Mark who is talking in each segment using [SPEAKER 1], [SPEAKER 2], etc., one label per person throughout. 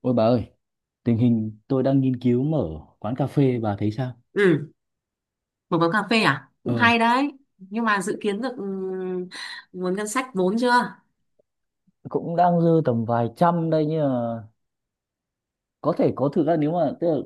[SPEAKER 1] Ôi bà ơi, tình hình tôi đang nghiên cứu mở quán cà phê, bà thấy sao?
[SPEAKER 2] Ừ, một quán cà phê à? Cũng
[SPEAKER 1] Ờ,
[SPEAKER 2] hay đấy. Nhưng mà dự kiến được nguồn ngân sách vốn chưa?
[SPEAKER 1] cũng đang dư tầm vài trăm đây nhưng mà có thể có thực ra nếu mà tức là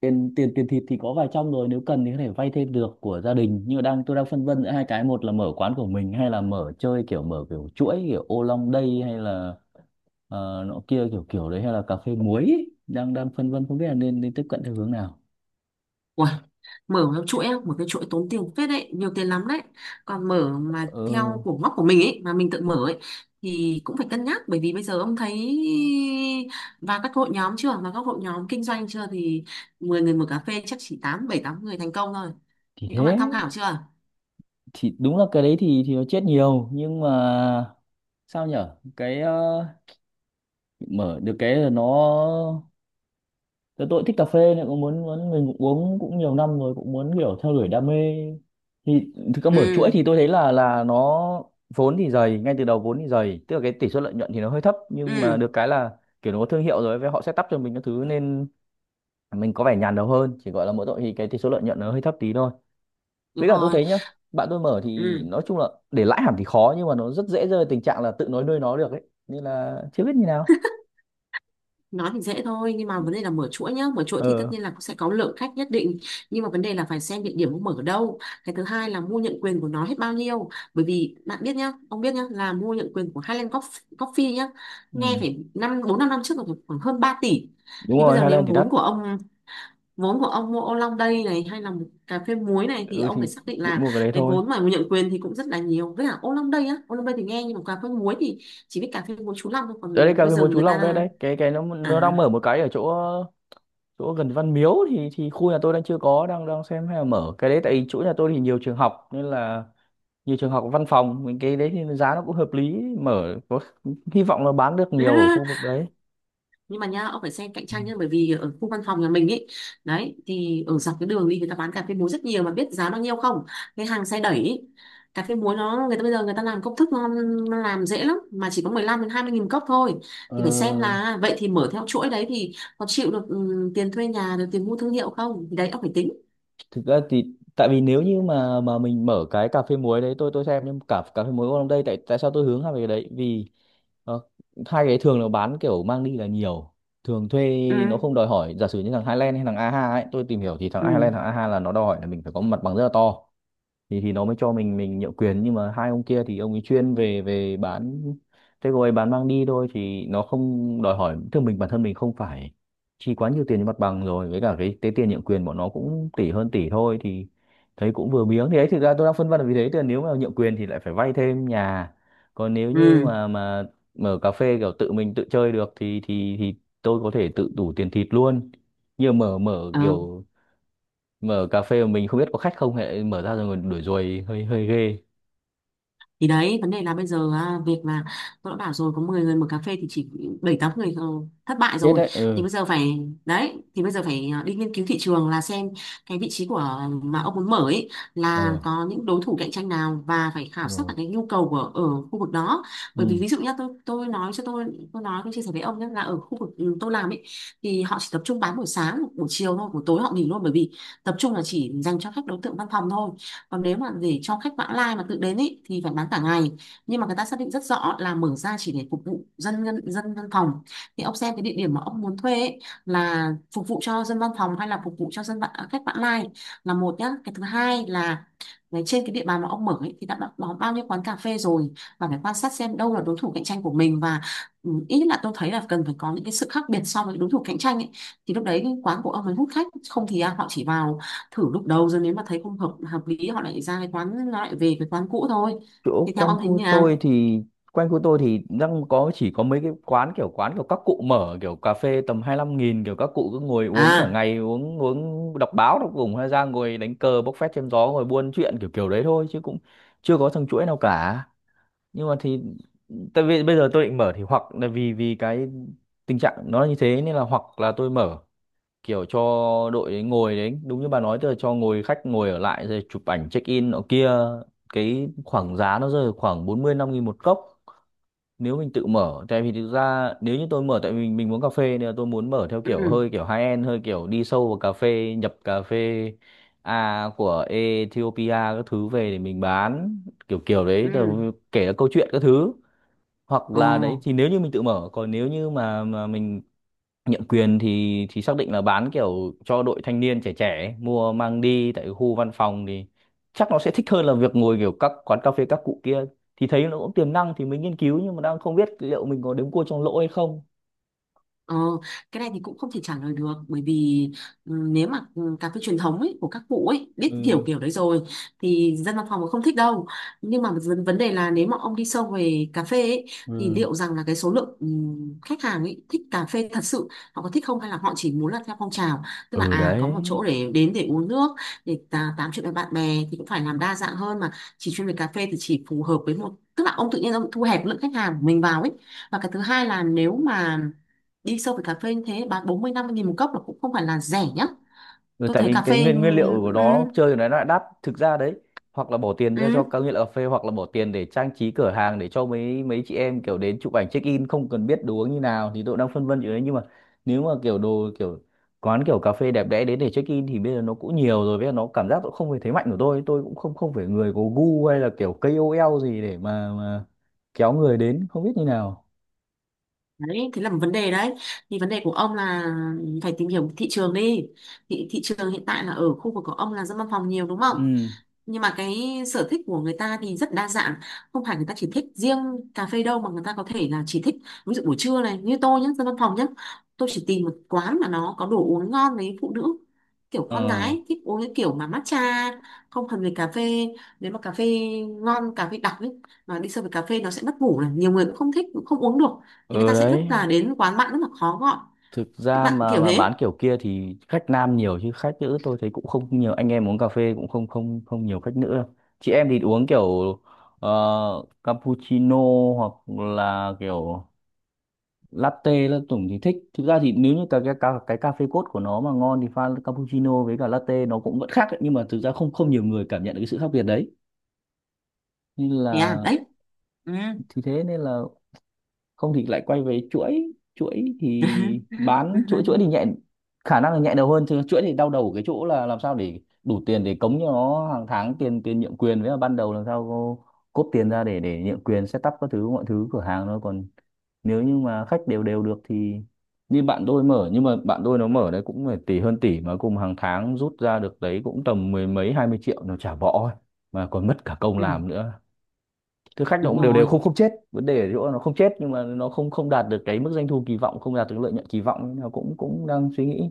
[SPEAKER 1] tiền tiền tiền thịt thì có vài trăm rồi, nếu cần thì có thể vay thêm được của gia đình. Nhưng mà tôi đang phân vân giữa hai cái, một là mở quán của mình hay là mở kiểu chuỗi kiểu ô long đây hay là nọ kia kiểu kiểu đấy hay là cà phê muối ấy. Đang đang phân vân không biết là nên nên tiếp cận theo hướng nào.
[SPEAKER 2] Ui, mở theo chuỗi, á, một cái chuỗi tốn tiền phết đấy, nhiều tiền lắm đấy. Còn mở mà
[SPEAKER 1] Ờ
[SPEAKER 2] theo của ngóc của mình ấy, mà mình tự mở ấy, thì cũng phải cân nhắc bởi vì bây giờ ông thấy và các hội nhóm chưa, và các hội nhóm kinh doanh chưa thì 10 người mở cà phê chắc chỉ 8 7 8 người thành công thôi.
[SPEAKER 1] thì
[SPEAKER 2] Thì ông đã
[SPEAKER 1] thế
[SPEAKER 2] tham khảo chưa?
[SPEAKER 1] thì đúng là cái đấy thì nó chết nhiều nhưng mà sao nhở cái mở được cái là nó tôi thích cà phê nên cũng muốn muốn mình cũng uống cũng nhiều năm rồi cũng muốn kiểu theo đuổi đam mê thì thực ra mở chuỗi
[SPEAKER 2] Ừ,
[SPEAKER 1] thì tôi thấy là nó vốn thì dày ngay từ đầu vốn thì dày, tức là cái tỷ suất lợi nhuận thì nó hơi thấp nhưng mà
[SPEAKER 2] ừ,
[SPEAKER 1] được cái là kiểu nó có thương hiệu rồi với họ setup cho mình các thứ nên mình có vẻ nhàn đầu hơn, chỉ gọi là mỗi tội thì cái tỷ số lợi nhuận nó hơi thấp tí thôi.
[SPEAKER 2] đúng
[SPEAKER 1] Với cả tôi
[SPEAKER 2] rồi.
[SPEAKER 1] thấy nhá, bạn tôi mở thì
[SPEAKER 2] Ừ.
[SPEAKER 1] nói chung là để lãi hẳn thì khó nhưng mà nó rất dễ rơi vào tình trạng là tự nói nuôi nó được ấy, nên là chưa biết như nào.
[SPEAKER 2] Nói thì dễ thôi nhưng mà vấn đề là mở chuỗi nhá, mở chuỗi thì tất
[SPEAKER 1] Ờ.
[SPEAKER 2] nhiên là cũng sẽ có lượng khách nhất định, nhưng mà vấn đề là phải xem địa điểm ông mở ở đâu. Cái thứ hai là mua nhận quyền của nó hết bao nhiêu, bởi vì bạn biết nhá, ông biết nhá, là mua nhận quyền của Highland Coffee nhá, nghe
[SPEAKER 1] Ừ.
[SPEAKER 2] phải năm bốn năm năm trước là khoảng hơn 3 tỷ.
[SPEAKER 1] Đúng
[SPEAKER 2] Thì bây
[SPEAKER 1] rồi,
[SPEAKER 2] giờ nếu
[SPEAKER 1] Highland thì đắt.
[SPEAKER 2] vốn của ông, vốn của ông mua ô long đây này hay là một cà phê muối này thì
[SPEAKER 1] Ừ
[SPEAKER 2] ông
[SPEAKER 1] thì
[SPEAKER 2] phải xác định
[SPEAKER 1] định
[SPEAKER 2] là
[SPEAKER 1] mua cái đấy
[SPEAKER 2] cái
[SPEAKER 1] thôi.
[SPEAKER 2] vốn mà nhận quyền thì cũng rất là nhiều. Với cả ô long đây á, ô long đây thì nghe, nhưng mà cà phê muối thì chỉ biết cà phê muối chú Long thôi,
[SPEAKER 1] Đấy, đấy
[SPEAKER 2] còn
[SPEAKER 1] cà
[SPEAKER 2] bây
[SPEAKER 1] phê
[SPEAKER 2] giờ
[SPEAKER 1] muối Chú
[SPEAKER 2] người
[SPEAKER 1] Long đây
[SPEAKER 2] ta
[SPEAKER 1] đấy, cái nó đang mở
[SPEAKER 2] à.
[SPEAKER 1] một cái ở chỗ chỗ gần Văn Miếu, thì khu nhà tôi đang chưa có, đang đang xem hay là mở cái đấy, tại vì chỗ nhà tôi thì nhiều trường học nên là nhiều trường học văn phòng mình cái đấy thì giá nó cũng hợp lý, mở có hy vọng là bán được nhiều ở khu vực đấy.
[SPEAKER 2] Nhưng mà nha, ông phải xem cạnh
[SPEAKER 1] Ừ.
[SPEAKER 2] tranh nhá, bởi vì ở khu văn phòng nhà mình ấy, đấy, thì ở dọc cái đường đi người ta bán cà phê muối rất nhiều mà biết giá bao nhiêu không? Cái hàng xe đẩy ý, cà phê muối nó người ta bây giờ người ta làm công thức nó làm dễ lắm, mà chỉ có 15 đến 20 nghìn cốc thôi.
[SPEAKER 1] ờ,
[SPEAKER 2] Thì phải xem là vậy thì mở theo chuỗi đấy thì có chịu được tiền thuê nhà được tiền mua thương hiệu không, thì đấy ông phải tính.
[SPEAKER 1] Thực ra thì tại vì nếu như mà mình mở cái cà phê muối đấy, tôi xem nhưng cả cà phê muối ở đây, tại tại sao tôi hướng vào cái đấy vì Ờ, hai cái thường nó bán kiểu mang đi là nhiều, thường thuê nó không
[SPEAKER 2] Ừ,
[SPEAKER 1] đòi hỏi. Giả sử như thằng Highland hay thằng a ha ấy, tôi tìm hiểu thì thằng
[SPEAKER 2] ừ,
[SPEAKER 1] Highland thằng a ha là nó đòi hỏi là mình phải có một mặt bằng rất là to thì nó mới cho mình nhượng quyền, nhưng mà hai ông kia thì ông ấy chuyên về về bán, thế rồi bán mang đi thôi thì nó không đòi hỏi thương mình, bản thân mình không phải chi quá nhiều tiền cho mặt bằng, rồi với cả cái tiền nhượng quyền bọn nó cũng tỷ hơn tỷ thôi thì thấy cũng vừa miếng thì ấy. Thực ra tôi đang phân vân là vì thế, thì nếu mà nhượng quyền thì lại phải vay thêm nhà, còn nếu như mà mở cà phê kiểu tự mình tự chơi được thì thì tôi có thể tự đủ tiền thịt luôn. Như mở mở
[SPEAKER 2] ừ.
[SPEAKER 1] kiểu mở cà phê mà mình không biết có khách không, hệ mở ra rồi còn đuổi ruồi hơi hơi ghê.
[SPEAKER 2] Thì đấy, vấn đề là bây giờ à, việc là tôi đã bảo rồi, có 10 người mở cà phê thì chỉ bảy tám người thất bại
[SPEAKER 1] Chết
[SPEAKER 2] rồi.
[SPEAKER 1] đấy.
[SPEAKER 2] Thì
[SPEAKER 1] Ừ.
[SPEAKER 2] bây giờ phải, đấy thì bây giờ phải à, đi nghiên cứu thị trường là xem cái vị trí của mà ông muốn mở ấy, là
[SPEAKER 1] Ờ.
[SPEAKER 2] có những đối thủ cạnh tranh nào, và phải khảo sát
[SPEAKER 1] Rồi.
[SPEAKER 2] cả cái nhu cầu của ở khu vực đó. Bởi vì
[SPEAKER 1] Ừ.
[SPEAKER 2] ví dụ nhá, tôi nói cho tôi nói, tôi chia sẻ với ông nhé, là ở khu vực tôi làm ấy, thì họ chỉ tập trung bán buổi sáng buổi chiều thôi, buổi tối họ nghỉ luôn, bởi vì tập trung là chỉ dành cho khách đối tượng văn phòng thôi. Còn nếu mà để cho khách vãng lai mà tự đến ý, thì phải bán cả ngày, nhưng mà người ta xác định rất rõ là mở ra chỉ để phục vụ dân dân dân văn phòng. Thì ông xem cái địa điểm mà ông muốn thuê ý, là phục vụ cho dân văn phòng hay là phục vụ cho dân vãng, khách vãng lai, là một nhá. Cái thứ hai là đấy, trên cái địa bàn mà ông mở ấy, thì đã có bao nhiêu quán cà phê rồi, và phải quan sát xem đâu là đối thủ cạnh tranh của mình. Và ít nhất là tôi thấy là cần phải có những cái sự khác biệt so với đối thủ cạnh tranh ấy, thì lúc đấy quán của ông mới hút khách. Không thì à, họ chỉ vào thử lúc đầu, rồi nếu mà thấy không hợp hợp lý họ lại ra cái quán, nó lại về cái quán cũ thôi.
[SPEAKER 1] Chỗ
[SPEAKER 2] Thì theo
[SPEAKER 1] quanh
[SPEAKER 2] ông thấy
[SPEAKER 1] khu
[SPEAKER 2] như
[SPEAKER 1] tôi
[SPEAKER 2] nào?
[SPEAKER 1] thì đang chỉ có mấy cái quán kiểu các cụ mở kiểu cà phê tầm 25.000, kiểu các cụ cứ ngồi uống cả
[SPEAKER 2] À,
[SPEAKER 1] ngày uống uống đọc báo, đọc cùng hay ra ngồi đánh cờ bốc phét chém gió ngồi buôn chuyện kiểu kiểu đấy thôi chứ cũng chưa có thằng chuỗi nào cả. Nhưng mà thì tại vì bây giờ tôi định mở thì hoặc là vì vì cái tình trạng nó như thế nên là hoặc là tôi mở kiểu cho đội ấy ngồi đấy đúng như bà nói, tức là cho ngồi khách ngồi ở lại rồi chụp ảnh check in nọ kia, cái khoảng giá nó rơi vào khoảng 45.000 một cốc, nếu mình tự mở. Tại vì thực ra nếu như tôi mở tại vì mình muốn cà phê nên là tôi muốn mở theo kiểu
[SPEAKER 2] ừ,
[SPEAKER 1] hơi kiểu high end, hơi kiểu đi sâu vào cà phê, nhập cà phê A của Ethiopia các thứ về để mình bán kiểu kiểu đấy, tức
[SPEAKER 2] ừ,
[SPEAKER 1] là kể cả câu chuyện các thứ. Hoặc
[SPEAKER 2] ồ.
[SPEAKER 1] là đấy thì nếu như mình tự mở, còn nếu như mà mình nhượng quyền thì xác định là bán kiểu cho đội thanh niên trẻ trẻ ấy, mua mang đi tại khu văn phòng thì chắc nó sẽ thích hơn là việc ngồi kiểu các quán cà phê các cụ kia, thì thấy nó cũng tiềm năng thì mình nghiên cứu. Nhưng mà đang không biết liệu mình có đếm cua trong lỗ hay không.
[SPEAKER 2] Ờ, cái này thì cũng không thể trả lời được, bởi vì nếu mà cà phê truyền thống ấy, của các cụ ấy biết
[SPEAKER 1] Ừ.
[SPEAKER 2] kiểu kiểu đấy rồi, thì dân văn phòng cũng không thích đâu. Nhưng mà vấn vấn đề là nếu mà ông đi sâu về cà phê ấy, thì
[SPEAKER 1] Ừ.
[SPEAKER 2] liệu rằng là cái số lượng khách hàng ấy thích cà phê thật sự họ có thích không, hay là họ chỉ muốn là theo phong trào, tức là
[SPEAKER 1] Ừ.
[SPEAKER 2] à có
[SPEAKER 1] Đấy.
[SPEAKER 2] một chỗ để đến để uống nước, để tám chuyện với bạn bè. Thì cũng phải làm đa dạng hơn, mà chỉ chuyên về cà phê thì chỉ phù hợp với một, tức là ông tự nhiên ông thu hẹp lượng khách hàng của mình vào ấy. Và cái thứ hai là nếu mà đi sâu về cà phê như thế bán 40 50 nghìn một cốc là cũng không phải là rẻ nhá.
[SPEAKER 1] Ừ,
[SPEAKER 2] Tôi
[SPEAKER 1] tại
[SPEAKER 2] thấy
[SPEAKER 1] vì
[SPEAKER 2] cà
[SPEAKER 1] cái
[SPEAKER 2] phê
[SPEAKER 1] nguyên nguyên liệu của
[SPEAKER 2] ừ.
[SPEAKER 1] nó chơi của nó lại đắt thực ra đấy. Hoặc là bỏ tiền ra cho
[SPEAKER 2] Ừ.
[SPEAKER 1] các nghiện cà phê, hoặc là bỏ tiền để trang trí cửa hàng để cho mấy mấy chị em kiểu đến chụp ảnh check in không cần biết đồ uống như nào, thì tôi đang phân vân chuyện đấy. Nhưng mà nếu mà kiểu đồ kiểu quán kiểu cà phê đẹp đẽ đến để check in thì bây giờ nó cũng nhiều rồi, với nó cảm giác cũng không phải thế mạnh của tôi, cũng không không phải người có gu hay là kiểu KOL gì để mà kéo người đến, không biết như nào.
[SPEAKER 2] Đấy thế là một vấn đề đấy. Thì vấn đề của ông là phải tìm hiểu thị trường đi. Thị, thị trường hiện tại là ở khu vực của ông là dân văn phòng nhiều đúng không?
[SPEAKER 1] Ừ.
[SPEAKER 2] Nhưng mà cái sở thích của người ta thì rất đa dạng, không phải người ta chỉ thích riêng cà phê đâu, mà người ta có thể là chỉ thích, ví dụ buổi trưa này như tôi nhé, dân văn phòng nhé, tôi chỉ tìm một quán mà nó có đồ uống ngon. Với phụ nữ kiểu con
[SPEAKER 1] Ờ.
[SPEAKER 2] gái thích uống cái kiểu mà matcha, không cần về cà phê. Nếu mà cà phê ngon, cà phê đặc ấy, mà đi sâu về cà phê nó sẽ mất ngủ này, nhiều người cũng không thích, cũng không uống được, thì người
[SPEAKER 1] Ừ.
[SPEAKER 2] ta sẽ rất
[SPEAKER 1] Đấy.
[SPEAKER 2] là đến quán bạn rất là khó gọi
[SPEAKER 1] Thực
[SPEAKER 2] cái
[SPEAKER 1] ra
[SPEAKER 2] bạn
[SPEAKER 1] mà
[SPEAKER 2] kiểu
[SPEAKER 1] mà
[SPEAKER 2] thế.
[SPEAKER 1] bán kiểu kia thì khách nam nhiều chứ khách nữ tôi thấy cũng không nhiều, anh em uống cà phê cũng không không không nhiều khách nữ đâu. Chị em thì uống kiểu ờ, cappuccino hoặc là kiểu latte là tổng thì thích. Thực ra thì nếu như cái cà phê cốt của nó mà ngon thì pha cappuccino với cả latte nó cũng vẫn khác ấy, nhưng mà thực ra không không nhiều người cảm nhận được cái sự khác biệt đấy nên
[SPEAKER 2] Thế à,
[SPEAKER 1] là.
[SPEAKER 2] đấy. Ừ.
[SPEAKER 1] Thì thế nên là không thì lại quay về chuỗi, chuỗi thì bán chuỗi, chuỗi thì nhẹ, khả năng là nhẹ đầu hơn, chứ chuỗi thì đau đầu ở cái chỗ là làm sao để đủ tiền để cống cho nó hàng tháng tiền tiền nhượng quyền, với là ban đầu làm sao cô cốp tiền ra để nhượng quyền setup các thứ mọi thứ cửa hàng nó. Còn nếu như mà khách đều đều được thì như bạn tôi mở, nhưng mà bạn tôi nó mở đấy cũng phải tỷ hơn tỷ mà cùng hàng tháng rút ra được đấy cũng tầm mười mấy 20 triệu, nó chả bỏ ấy, mà còn mất cả công
[SPEAKER 2] Ừ,
[SPEAKER 1] làm nữa. Thực khách nó
[SPEAKER 2] đúng
[SPEAKER 1] cũng đều đều
[SPEAKER 2] rồi,
[SPEAKER 1] không, không chết, vấn đề ở chỗ nó không chết nhưng mà nó không không đạt được cái mức doanh thu kỳ vọng, không đạt được lợi nhuận kỳ vọng, nên là cũng cũng đang suy nghĩ.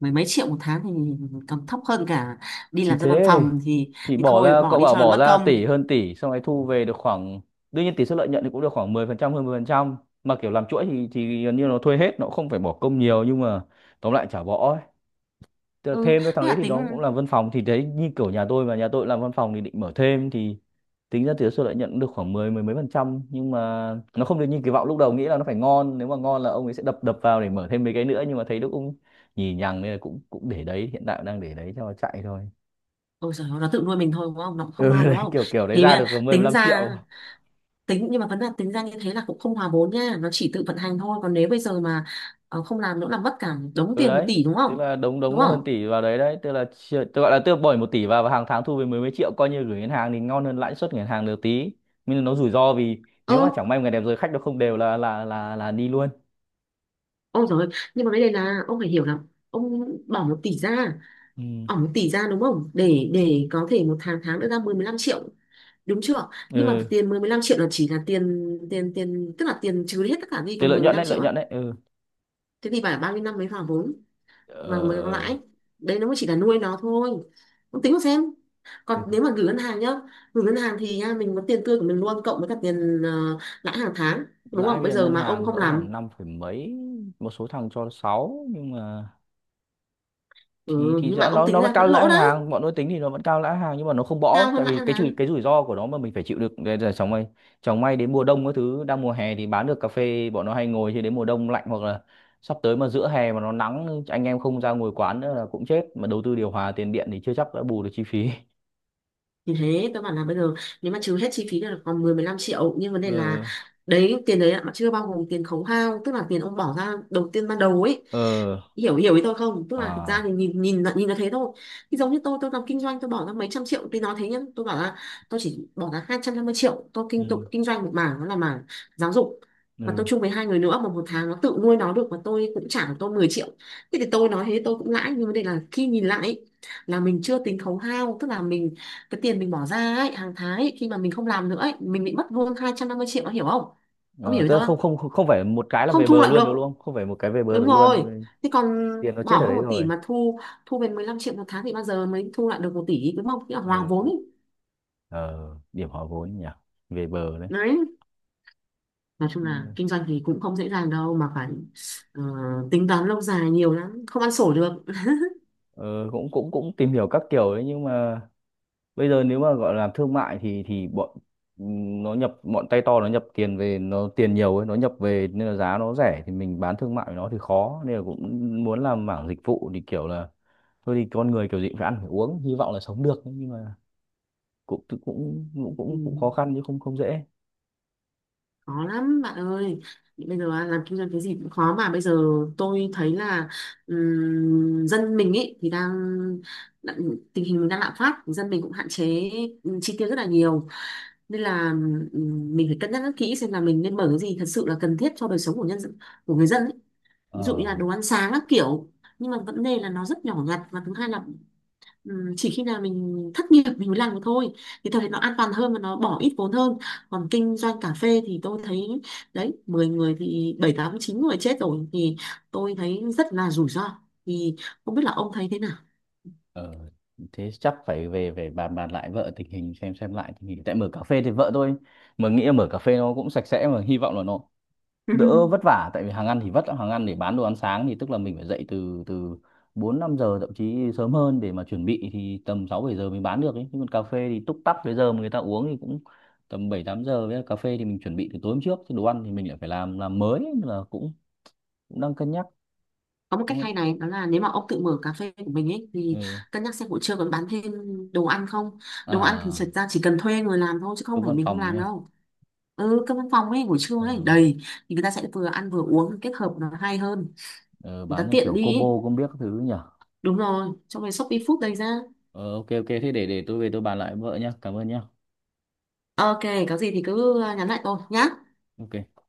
[SPEAKER 2] mười mấy triệu một tháng thì còn thấp hơn cả đi
[SPEAKER 1] Thì
[SPEAKER 2] làm ra văn
[SPEAKER 1] thế
[SPEAKER 2] phòng thì
[SPEAKER 1] thì
[SPEAKER 2] thì
[SPEAKER 1] bỏ
[SPEAKER 2] thôi
[SPEAKER 1] ra,
[SPEAKER 2] bỏ
[SPEAKER 1] cậu
[SPEAKER 2] đi
[SPEAKER 1] bảo
[SPEAKER 2] cho nó
[SPEAKER 1] bỏ
[SPEAKER 2] mất
[SPEAKER 1] ra
[SPEAKER 2] công.
[SPEAKER 1] tỷ hơn tỷ xong rồi thu về được khoảng, đương nhiên tỷ suất lợi nhuận thì cũng được khoảng 10% hơn 10%, mà kiểu làm chuỗi thì gần như nó thuê hết nó không phải bỏ công nhiều, nhưng mà tóm lại chả bỏ ấy.
[SPEAKER 2] Ừ,
[SPEAKER 1] Thêm nữa thằng
[SPEAKER 2] thế
[SPEAKER 1] đấy
[SPEAKER 2] là
[SPEAKER 1] thì
[SPEAKER 2] tính.
[SPEAKER 1] nó cũng làm văn phòng, thì đấy như kiểu nhà tôi làm văn phòng thì định mở thêm thì tính ra tỷ suất lợi nhuận được khoảng 10 mười mấy phần trăm nhưng mà nó không được như kỳ vọng lúc đầu nghĩ là nó phải ngon. Nếu mà ngon là ông ấy sẽ đập đập vào để mở thêm mấy cái nữa, nhưng mà thấy nó cũng nhì nhằng nên là cũng cũng để đấy, hiện tại đang để đấy cho nó chạy thôi.
[SPEAKER 2] Ôi trời ơi, nó tự nuôi mình thôi đúng không, nó cũng không
[SPEAKER 1] Ừ.
[SPEAKER 2] ngon
[SPEAKER 1] Đấy
[SPEAKER 2] đúng không?
[SPEAKER 1] kiểu kiểu đấy
[SPEAKER 2] Thì bây
[SPEAKER 1] ra
[SPEAKER 2] giờ
[SPEAKER 1] được mười mười
[SPEAKER 2] tính
[SPEAKER 1] lăm
[SPEAKER 2] ra,
[SPEAKER 1] triệu
[SPEAKER 2] tính nhưng mà vấn đề tính ra như thế là cũng không hòa vốn nha, nó chỉ tự vận hành thôi. Còn nếu bây giờ mà ờ, không làm nữa là mất cả đống
[SPEAKER 1] Ừ
[SPEAKER 2] tiền một
[SPEAKER 1] đấy,
[SPEAKER 2] tỷ đúng
[SPEAKER 1] tức
[SPEAKER 2] không?
[SPEAKER 1] là đống đống
[SPEAKER 2] Đúng
[SPEAKER 1] nó
[SPEAKER 2] không?
[SPEAKER 1] hơn tỷ vào đấy, đấy tức là tôi gọi là tôi bỏ 1 tỷ vào và hàng tháng thu về mười mấy triệu, coi như gửi ngân hàng thì ngon hơn lãi suất ngân hàng được tí, nhưng mà nó rủi ro vì
[SPEAKER 2] Ơ.
[SPEAKER 1] nếu mà chẳng may một ngày đẹp rồi khách nó không đều là đi luôn.
[SPEAKER 2] Ôi trời, nhưng mà vấn đề là ông phải hiểu là ông bỏ một tỷ ra,
[SPEAKER 1] Ừ.
[SPEAKER 2] bỏ một tỷ ra đúng không, để để có thể một tháng, tháng nữa ra mười 15 triệu, đúng chưa? Nhưng mà
[SPEAKER 1] Ừ.
[SPEAKER 2] tiền mười, mười 15 triệu là chỉ là tiền tiền tiền tức là tiền trừ đi hết tất cả đi còn
[SPEAKER 1] Cái
[SPEAKER 2] mười,
[SPEAKER 1] lợi
[SPEAKER 2] mười
[SPEAKER 1] nhuận
[SPEAKER 2] 15
[SPEAKER 1] đấy,
[SPEAKER 2] triệu
[SPEAKER 1] lợi
[SPEAKER 2] á.
[SPEAKER 1] nhuận đấy. Ừ.
[SPEAKER 2] Thế thì phải bao nhiêu năm mới vào vốn và mới có
[SPEAKER 1] ờ,
[SPEAKER 2] lãi. Đấy nó mới chỉ là nuôi nó thôi. Ông tính mà xem. Còn nếu mà gửi ngân hàng nhá, gửi ngân hàng thì nha mình có tiền tươi của mình luôn cộng với cả tiền lãi hàng tháng, đúng
[SPEAKER 1] Lãi
[SPEAKER 2] không?
[SPEAKER 1] bây
[SPEAKER 2] Bây
[SPEAKER 1] giờ
[SPEAKER 2] giờ
[SPEAKER 1] ngân
[SPEAKER 2] mà ông
[SPEAKER 1] hàng
[SPEAKER 2] không
[SPEAKER 1] cỡ
[SPEAKER 2] làm,
[SPEAKER 1] khoảng 5 phẩy mấy, một số thằng cho 6 nhưng mà
[SPEAKER 2] ừ,
[SPEAKER 1] thì
[SPEAKER 2] nhưng mà
[SPEAKER 1] rõ,
[SPEAKER 2] ông
[SPEAKER 1] nó
[SPEAKER 2] tính
[SPEAKER 1] vẫn
[SPEAKER 2] ra
[SPEAKER 1] cao
[SPEAKER 2] vẫn lỗ
[SPEAKER 1] lãi
[SPEAKER 2] đấy,
[SPEAKER 1] hàng, bọn tôi tính thì nó vẫn cao lãi hàng, nhưng mà nó không bõ
[SPEAKER 2] cao hơn
[SPEAKER 1] tại
[SPEAKER 2] lãi
[SPEAKER 1] vì
[SPEAKER 2] ngân
[SPEAKER 1] cái
[SPEAKER 2] hàng.
[SPEAKER 1] rủi ro của nó mà mình phải chịu được. Đây là chẳng may, đến mùa đông cái thứ đang mùa hè thì bán được cà phê bọn nó hay ngồi, chứ đến mùa đông lạnh, hoặc là sắp tới mà giữa hè mà nó nắng anh em không ra ngồi quán nữa là cũng chết, mà đầu tư điều hòa tiền điện thì chưa chắc đã bù được chi phí.
[SPEAKER 2] Thì thế tôi bảo là bây giờ nếu mà trừ hết chi phí thì là còn 10 15 triệu, nhưng vấn đề là
[SPEAKER 1] Ờ.
[SPEAKER 2] đấy tiền đấy mà chưa bao gồm tiền khấu hao, tức là tiền ông bỏ ra đầu tiên ban đầu ấy,
[SPEAKER 1] Ờ.
[SPEAKER 2] hiểu, hiểu ý tôi không? Tức là thực ra
[SPEAKER 1] À.
[SPEAKER 2] thì nhìn, nhìn là thế thôi. Thì giống như tôi làm kinh doanh, tôi bỏ ra mấy trăm triệu thì nó thế nhá, tôi bảo là tôi chỉ bỏ ra 250 triệu, tôi
[SPEAKER 1] Ừ.
[SPEAKER 2] kinh tục kinh doanh một mảng, đó là mảng giáo dục, và tôi
[SPEAKER 1] Ừ.
[SPEAKER 2] chung với hai người nữa, mà một tháng nó tự nuôi nó được, và tôi cũng trả được tôi 10 triệu. Thế thì tôi nói thế tôi cũng lãi, nhưng vấn đề là khi nhìn lại ấy, là mình chưa tính khấu hao, tức là mình cái tiền mình bỏ ra ấy, hàng tháng ấy, khi mà mình không làm nữa ấy, mình bị mất luôn 250 triệu, ông hiểu không? Ông
[SPEAKER 1] ờ,
[SPEAKER 2] hiểu ý
[SPEAKER 1] Tức là
[SPEAKER 2] tôi
[SPEAKER 1] không
[SPEAKER 2] không?
[SPEAKER 1] không không phải một cái là
[SPEAKER 2] Không
[SPEAKER 1] về
[SPEAKER 2] thu
[SPEAKER 1] bờ
[SPEAKER 2] lại
[SPEAKER 1] luôn được
[SPEAKER 2] được.
[SPEAKER 1] luôn, không phải một cái về bờ
[SPEAKER 2] Đúng
[SPEAKER 1] được luôn.
[SPEAKER 2] rồi. Thế còn
[SPEAKER 1] Tiền nó
[SPEAKER 2] bỏ
[SPEAKER 1] chết ở
[SPEAKER 2] hơn
[SPEAKER 1] đấy
[SPEAKER 2] một tỷ
[SPEAKER 1] rồi.
[SPEAKER 2] mà thu, thu về 15 triệu một tháng thì bao giờ mới thu lại được một tỷ, đúng không? Nghĩa là hòa vốn
[SPEAKER 1] Ừ.
[SPEAKER 2] ấy.
[SPEAKER 1] Ờ. Điểm hòa vốn nhỉ, về bờ đấy.
[SPEAKER 2] Đấy, nói chung là
[SPEAKER 1] Nên
[SPEAKER 2] kinh doanh thì cũng không dễ dàng đâu, mà phải ờ, tính toán lâu dài nhiều lắm, không ăn sổ được.
[SPEAKER 1] ờ, cũng cũng cũng tìm hiểu các kiểu đấy nhưng mà bây giờ nếu mà gọi là làm thương mại thì bọn ừ, nó nhập, bọn tay to nó nhập tiền về, nó tiền nhiều ấy, nó nhập về nên là giá nó rẻ, thì mình bán thương mại với nó thì khó, nên là cũng muốn làm mảng dịch vụ thì kiểu là thôi thì con người kiểu gì cũng phải ăn phải uống, hy vọng là sống được ấy, nhưng mà cũng cũng cũng
[SPEAKER 2] Ừ.
[SPEAKER 1] cũng khó khăn chứ không không dễ.
[SPEAKER 2] Khó lắm bạn ơi. Bây giờ á, làm kinh doanh cái gì cũng khó. Mà bây giờ tôi thấy là dân mình ấy thì đang, đã- tình hình đang lạm phát, dân mình cũng hạn chế chi tiêu rất là nhiều, nên là mình phải cân nhắc rất kỹ xem là mình nên mở cái gì thật sự là cần thiết cho đời sống của nhân dân, của người dân ấy. Ví
[SPEAKER 1] Ờ.
[SPEAKER 2] dụ như là đồ ăn sáng các kiểu, nhưng mà vấn đề là nó rất nhỏ nhặt. Và thứ hai là ừ, chỉ khi nào mình thất nghiệp mình mới làm được thôi, thì tôi thấy nó an toàn hơn và nó bỏ ít vốn hơn. Còn kinh doanh cà phê thì tôi thấy, đấy, 10 người thì bảy tám chín người chết rồi, thì tôi thấy rất là rủi ro. Thì không biết là ông thấy thế nào?
[SPEAKER 1] Ờ. Thế chắc phải về về bàn bàn lại vợ tình hình, xem lại tình hình. Tại mở cà phê thì vợ tôi mà nghĩ là mở cà phê nó cũng sạch sẽ, mà hy vọng là nó đỡ vất vả tại vì hàng ăn thì vất lắm. Hàng ăn để bán đồ ăn sáng thì tức là mình phải dậy từ từ 4-5 giờ, thậm chí sớm hơn để mà chuẩn bị thì tầm 6-7 giờ mình bán được ấy. Nhưng còn cà phê thì túc tắc cái giờ mà người ta uống thì cũng tầm 7-8 giờ, với cà phê thì mình chuẩn bị từ tối hôm trước, chứ đồ ăn thì mình lại phải làm mới ấy, nên là cũng cũng đang cân nhắc.
[SPEAKER 2] Có một
[SPEAKER 1] Đúng
[SPEAKER 2] cách hay
[SPEAKER 1] không?
[SPEAKER 2] này, đó là nếu mà ông tự mở cà phê của mình ấy, thì
[SPEAKER 1] Ừ.
[SPEAKER 2] cân nhắc xem buổi trưa còn bán thêm đồ ăn không. Đồ ăn thì
[SPEAKER 1] À,
[SPEAKER 2] thật ra chỉ cần thuê người làm thôi, chứ không
[SPEAKER 1] cơm
[SPEAKER 2] phải
[SPEAKER 1] văn
[SPEAKER 2] mình không
[SPEAKER 1] phòng
[SPEAKER 2] làm
[SPEAKER 1] nha.
[SPEAKER 2] đâu. Ừ, cái văn phòng ấy buổi trưa
[SPEAKER 1] ờ,
[SPEAKER 2] ấy đầy, thì người ta sẽ vừa ăn vừa uống, kết hợp nó hay hơn,
[SPEAKER 1] ờ,
[SPEAKER 2] người ta
[SPEAKER 1] bán theo
[SPEAKER 2] tiện
[SPEAKER 1] kiểu
[SPEAKER 2] đi
[SPEAKER 1] combo
[SPEAKER 2] ấy.
[SPEAKER 1] không biết các thứ nhỉ.
[SPEAKER 2] Đúng rồi, trong cái Shopee Food đây ra.
[SPEAKER 1] Ờ, ok, ok, thế để tôi về tôi bàn lại với vợ nhá, cảm ơn nhá.
[SPEAKER 2] Ok, có gì thì cứ à, nhắn lại tôi nhá.
[SPEAKER 1] Ok.